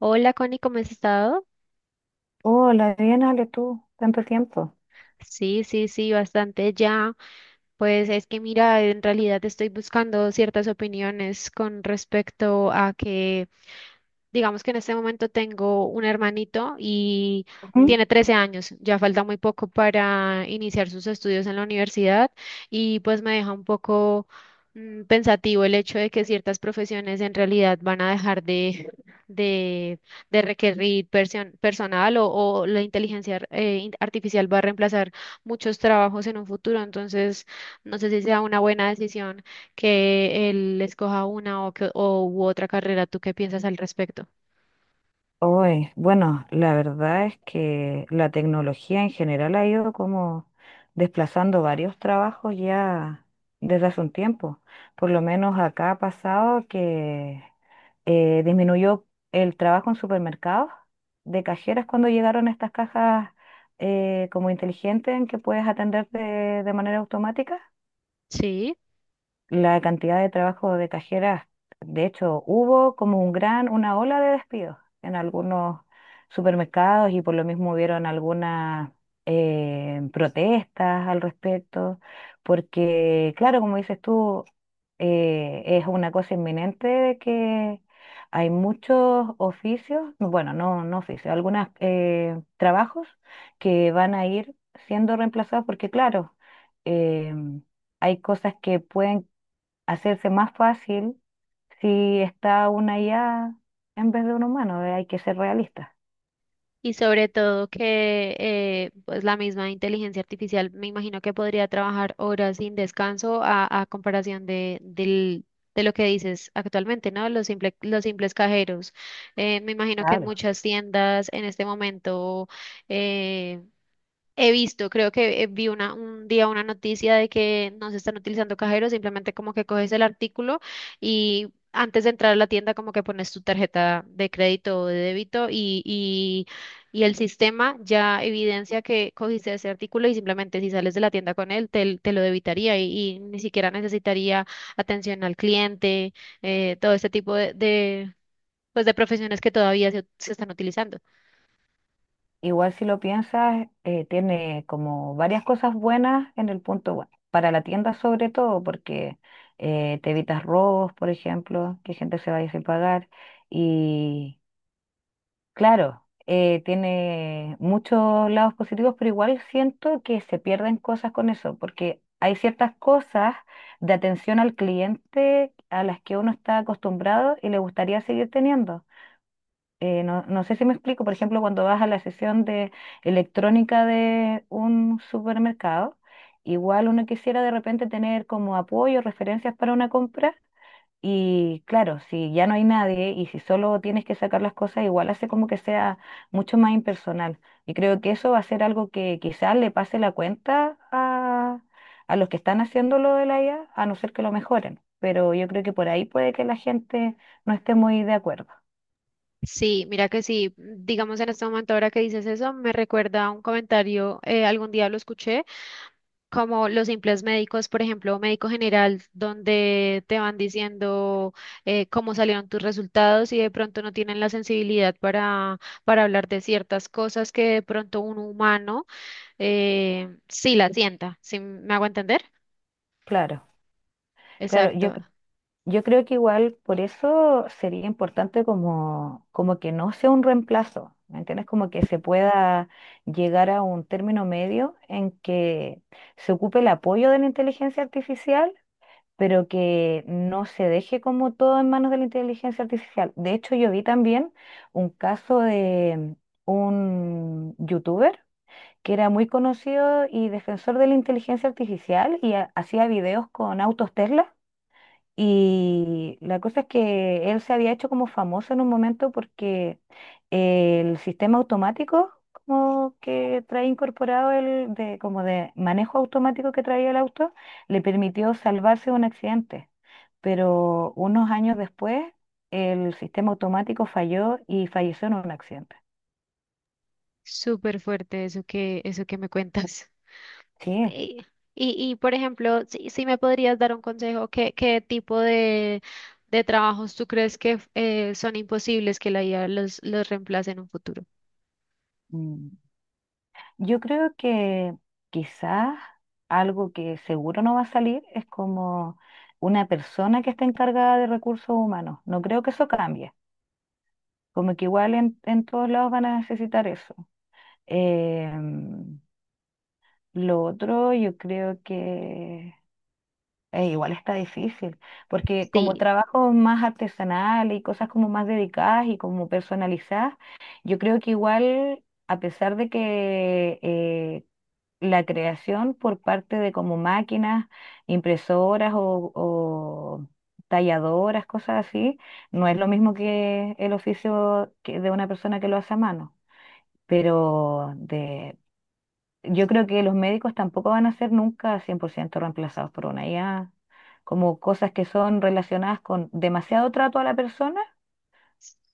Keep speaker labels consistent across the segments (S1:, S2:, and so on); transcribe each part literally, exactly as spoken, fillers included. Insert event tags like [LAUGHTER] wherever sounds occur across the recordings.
S1: Hola Connie, ¿cómo has estado?
S2: Hola, bien, Ale, tú, tanto tiempo.
S1: Sí, sí, sí, bastante ya. Pues es que mira, en realidad estoy buscando ciertas opiniones con respecto a que digamos que en este momento tengo un hermanito y
S2: Ujú.
S1: tiene trece años, ya falta muy poco para iniciar sus estudios en la universidad y pues me deja un poco mm, pensativo el hecho de que ciertas profesiones en realidad van a dejar de, de, de requerir persion- personal o, o la inteligencia eh, in- artificial va a reemplazar muchos trabajos en un futuro. Entonces no sé si sea una buena decisión que él escoja una o, que, o u otra carrera. ¿Tú qué piensas al respecto?
S2: Hoy, bueno, la verdad es que la tecnología en general ha ido como desplazando varios trabajos ya desde hace un tiempo. Por lo menos acá ha pasado que eh, disminuyó el trabajo en supermercados de cajeras cuando llegaron estas cajas eh, como inteligentes en que puedes atender de de manera automática.
S1: Sí,
S2: La cantidad de trabajo de cajeras, de hecho, hubo como un gran, una ola de despidos en algunos supermercados y por lo mismo hubieron algunas eh, protestas al respecto, porque claro, como dices tú, eh, es una cosa inminente de que hay muchos oficios, bueno, no, no oficios, algunos trabajos que van a ir siendo reemplazados porque claro, em, hay cosas que pueden hacerse más fácil si está una I A en vez de un humano, eh, hay que ser realistas.
S1: y sobre todo que eh, pues la misma inteligencia artificial me imagino que podría trabajar horas sin descanso a, a comparación de, del, de lo que dices actualmente, ¿no? Los simple- los simples cajeros. Eh, me imagino que en
S2: Claro.
S1: muchas tiendas en este momento eh, he visto, creo que eh, vi una, un día una noticia de que no se están utilizando cajeros, simplemente como que coges el artículo y antes de entrar a la tienda como que pones tu tarjeta de crédito o de débito y, y, y el sistema ya evidencia que cogiste ese artículo y simplemente si sales de la tienda con él te, te lo debitaría y, y ni siquiera necesitaría atención al cliente. Eh, todo este tipo de, de, pues, de profesiones que todavía se se están utilizando.
S2: Igual si lo piensas, eh, tiene como varias cosas buenas en el punto, bueno, para la tienda sobre todo, porque eh, te evitas robos, por ejemplo, que gente se vaya sin pagar, y claro, eh, tiene muchos lados positivos, pero igual siento que se pierden cosas con eso, porque hay ciertas cosas de atención al cliente a las que uno está acostumbrado y le gustaría seguir teniendo. Eh, no, no sé si me explico, por ejemplo, cuando vas a la sesión de electrónica de un supermercado, igual uno quisiera de repente tener como apoyo, referencias para una compra y claro, si ya no hay nadie y si solo tienes que sacar las cosas, igual hace como que sea mucho más impersonal. Y creo que eso va a ser algo que quizás le pase la cuenta a, a los que están haciendo lo de la I A, a a no ser que lo mejoren. Pero yo creo que por ahí puede que la gente no esté muy de acuerdo.
S1: Sí, mira que sí, digamos en este momento ahora que dices eso, me recuerda a un comentario. Eh, algún día lo escuché, como los simples médicos, por ejemplo, médico general, donde te van diciendo eh, cómo salieron tus resultados y de pronto no tienen la sensibilidad para, para hablar de ciertas cosas que de pronto un humano eh, sí la sienta. ¿Sí me hago entender?
S2: Claro, claro. Yo
S1: Exacto,
S2: Yo creo que igual por eso sería importante como, como que no sea un reemplazo, ¿me entiendes? Como que se pueda llegar a un término medio en que se ocupe el apoyo de la inteligencia artificial, pero que no se deje como todo en manos de la inteligencia artificial. De hecho, yo vi también un caso de un youtuber que era muy conocido y defensor de la inteligencia artificial y ha- hacía videos con autos Tesla. Y la cosa es que él se había hecho como famoso en un momento porque el sistema automático como que trae incorporado el de como de manejo automático que traía el auto le permitió salvarse de un accidente. Pero unos años después el sistema automático falló y falleció en un accidente.
S1: súper fuerte eso que, eso que me cuentas.
S2: Sí.
S1: Y, y, y, por ejemplo, si, si me podrías dar un consejo, ¿qué, qué tipo de, de trabajos tú crees que eh, son imposibles que la I A los, los reemplace en un futuro?
S2: Mm. Yo creo que quizás algo que seguro no va a salir es como una persona que está encargada de recursos humanos. No creo que eso cambie. Como que igual en, en todos lados van a necesitar eso. Em, lo otro yo creo que eh, igual está difícil, porque como
S1: Sí,
S2: trabajos más artesanales y cosas como más dedicadas y como personalizadas, yo creo que igual, a pesar de que eh, la creación por parte de como máquinas, impresoras o, o talladoras, cosas así, no es lo mismo que el oficio que de una persona que lo hace a mano. Pero de, yo creo que los médicos tampoco van a ser nunca cien por ciento reemplazados por una I A, como cosas que son relacionadas con demasiado trato a la persona,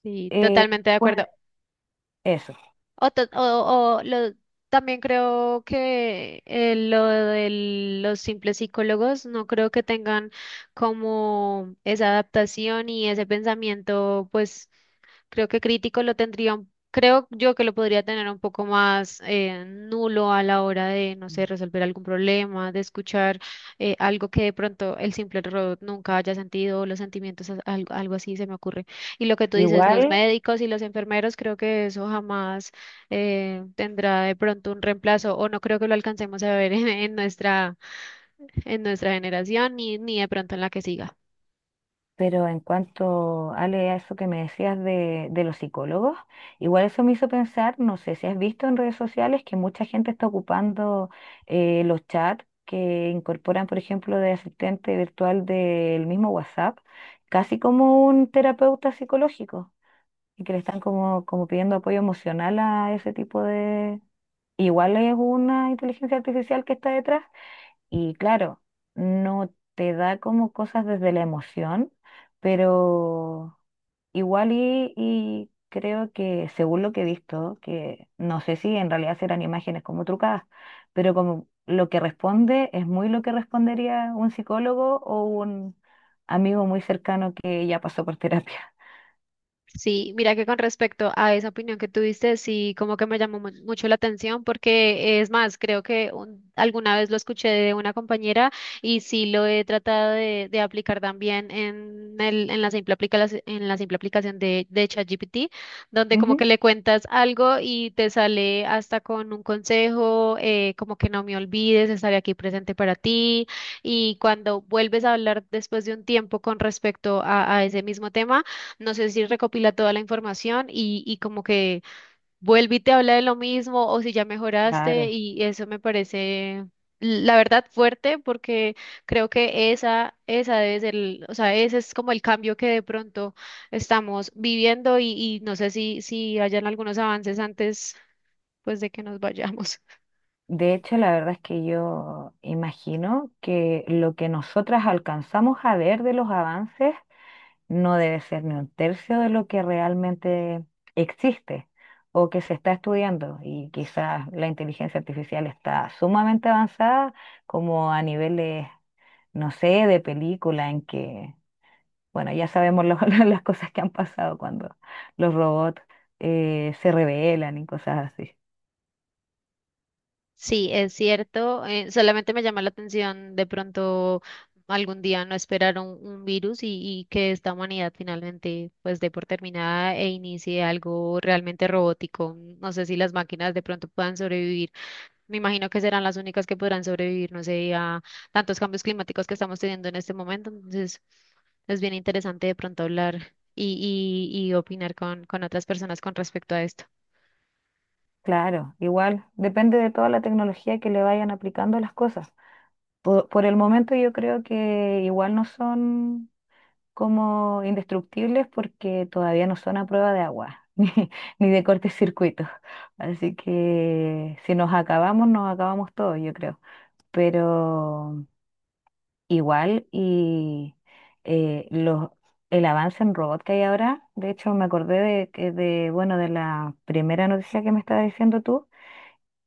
S1: sí,
S2: eh,
S1: totalmente de
S2: pues
S1: acuerdo.
S2: eso.
S1: O, ta- o- o lo- También creo que eh, lo de los simples psicólogos no creo que tengan como esa adaptación y ese pensamiento. Pues creo que crítico lo tendría, un- creo yo que lo podría tener un poco más eh, nulo a la hora de, no sé,
S2: Mm.
S1: resolver algún problema, de escuchar eh, algo que de pronto el simple robot nunca haya sentido, o los sentimientos, as- algo, algo así se me ocurre. Y lo que tú dices, los
S2: Igual,
S1: médicos y los enfermeros, creo que eso jamás eh, tendrá de pronto un reemplazo, o no creo que lo alcancemos a ver [LAUGHS] en, en nuestra, en nuestra generación, ni, ni de pronto en la que siga.
S2: pero en cuanto, Ale, a eso que me decías de, de los psicólogos, igual eso me hizo pensar, no sé si has visto en redes sociales que mucha gente está ocupando eh, los chats que incorporan, por ejemplo, de asistente virtual del mismo WhatsApp, casi como un terapeuta psicológico, y que le están como, como pidiendo apoyo emocional a ese tipo de... Igual es una inteligencia artificial que está detrás. Y claro, no te da como cosas desde la emoción, pero igual y, y creo que según lo que he visto, que no sé si en realidad serán imágenes como trucadas, pero como lo que responde es muy lo que respondería un psicólogo o un amigo muy cercano que ya pasó por [LAUGHS] terapia.
S1: Sí, mira que con respecto a esa opinión que tuviste, sí, como que me llamó mu- mucho la atención porque eh, es más, creo que un- alguna vez lo escuché de una compañera y sí lo he tratado de, de aplicar también en, el, en la simple aplicación, en la simple aplicación de, de ChatGPT, donde como
S2: Ujú,
S1: que le cuentas algo y te sale hasta con un consejo. Eh, como que no me olvides, estaré aquí presente para ti y cuando vuelves a hablar después de un tiempo con respecto a a ese mismo tema, no sé si recopila toda la información y, y como que vuelve y te habla de lo mismo o si ya mejoraste,
S2: claro.
S1: y eso me parece, la verdad, fuerte, porque creo que esa, esa debe ser, el- o sea, ese es como el cambio que de pronto estamos viviendo. Y, y no sé si, si hayan algunos avances antes pues de que nos vayamos.
S2: De hecho, la verdad es que yo imagino que lo que nosotras alcanzamos a ver de los avances no debe ser ni un tercio de lo que realmente existe o que se está estudiando. Y quizás la inteligencia artificial está sumamente avanzada, como a niveles, no sé, de película, en que, bueno, ya sabemos lo- [LAUGHS] las cosas que han pasado cuando los robots eh, se rebelan y cosas así.
S1: Sí, es cierto. Eh, solamente me llama la atención de pronto algún día no esperar un, un virus y, y que esta humanidad finalmente pues dé por terminada e inicie algo realmente robótico. No sé si las máquinas de pronto puedan sobrevivir. Me imagino que serán las únicas que podrán sobrevivir, no sé, a tantos cambios climáticos que estamos teniendo en este momento. Entonces, es bien interesante de pronto hablar y, y, y opinar con, con otras personas con respecto a esto.
S2: Claro, igual depende de toda la tecnología que le vayan aplicando las cosas. Por, por el momento yo creo que igual no son como indestructibles porque todavía no son a prueba de agua [LAUGHS] ni, ni de cortocircuitos. Así que si nos acabamos, nos acabamos todos, yo creo. Pero igual y eh, los, el avance en robot que hay ahora, de hecho me acordé de, que- de, bueno, de la primera noticia que me estabas diciendo tú,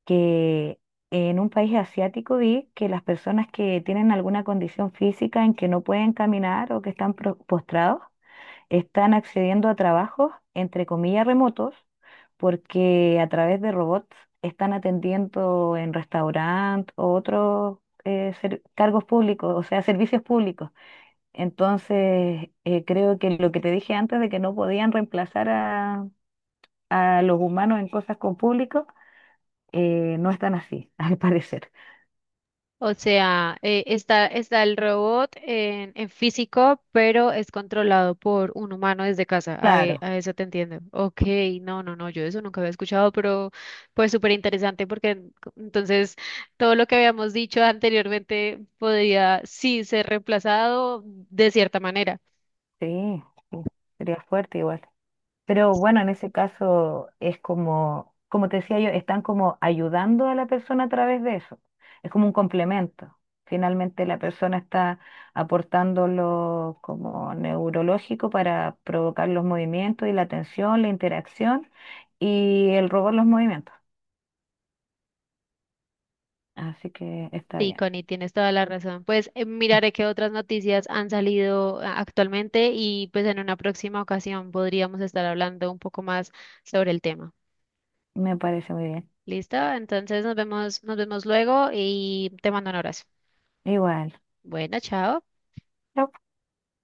S2: que en un país asiático vi que las personas que tienen alguna condición física en que no pueden caminar o que están pro- postrados, están accediendo a trabajos, entre comillas, remotos, porque a través de robots están atendiendo en restaurantes o otros eh, ser- cargos públicos, o sea, servicios públicos. Entonces, eh, creo que lo que te dije antes de que no podían reemplazar a, a los humanos en cosas con público, eh, no están así, [LAUGHS] al parecer.
S1: O sea, eh, está, está el robot en, en físico, pero es controlado por un humano desde casa. A, e-
S2: Claro,
S1: a eso te entiendo. Ok, no, no, no, yo eso nunca había escuchado, pero pues súper interesante porque en- co- entonces todo lo que habíamos dicho anteriormente podría sí ser reemplazado de cierta manera.
S2: sí, sí, sería fuerte igual. Pero bueno, en ese caso es como, como te decía yo, están como ayudando a la persona a través de eso. Es como un complemento. Finalmente la persona está aportando lo como neurológico para provocar los movimientos y la tensión, la interacción y el robot los movimientos. Así que está
S1: Sí,
S2: bien.
S1: Connie, tienes toda la razón. Pues eh, miraré qué otras noticias han salido, ah, actualmente, y pues en una próxima ocasión podríamos estar hablando un poco más sobre el tema.
S2: Me parece muy bien.
S1: Listo, entonces nos vemos, nos vemos luego y te mando un abrazo.
S2: Igual.
S1: Bueno, chao.
S2: Chao.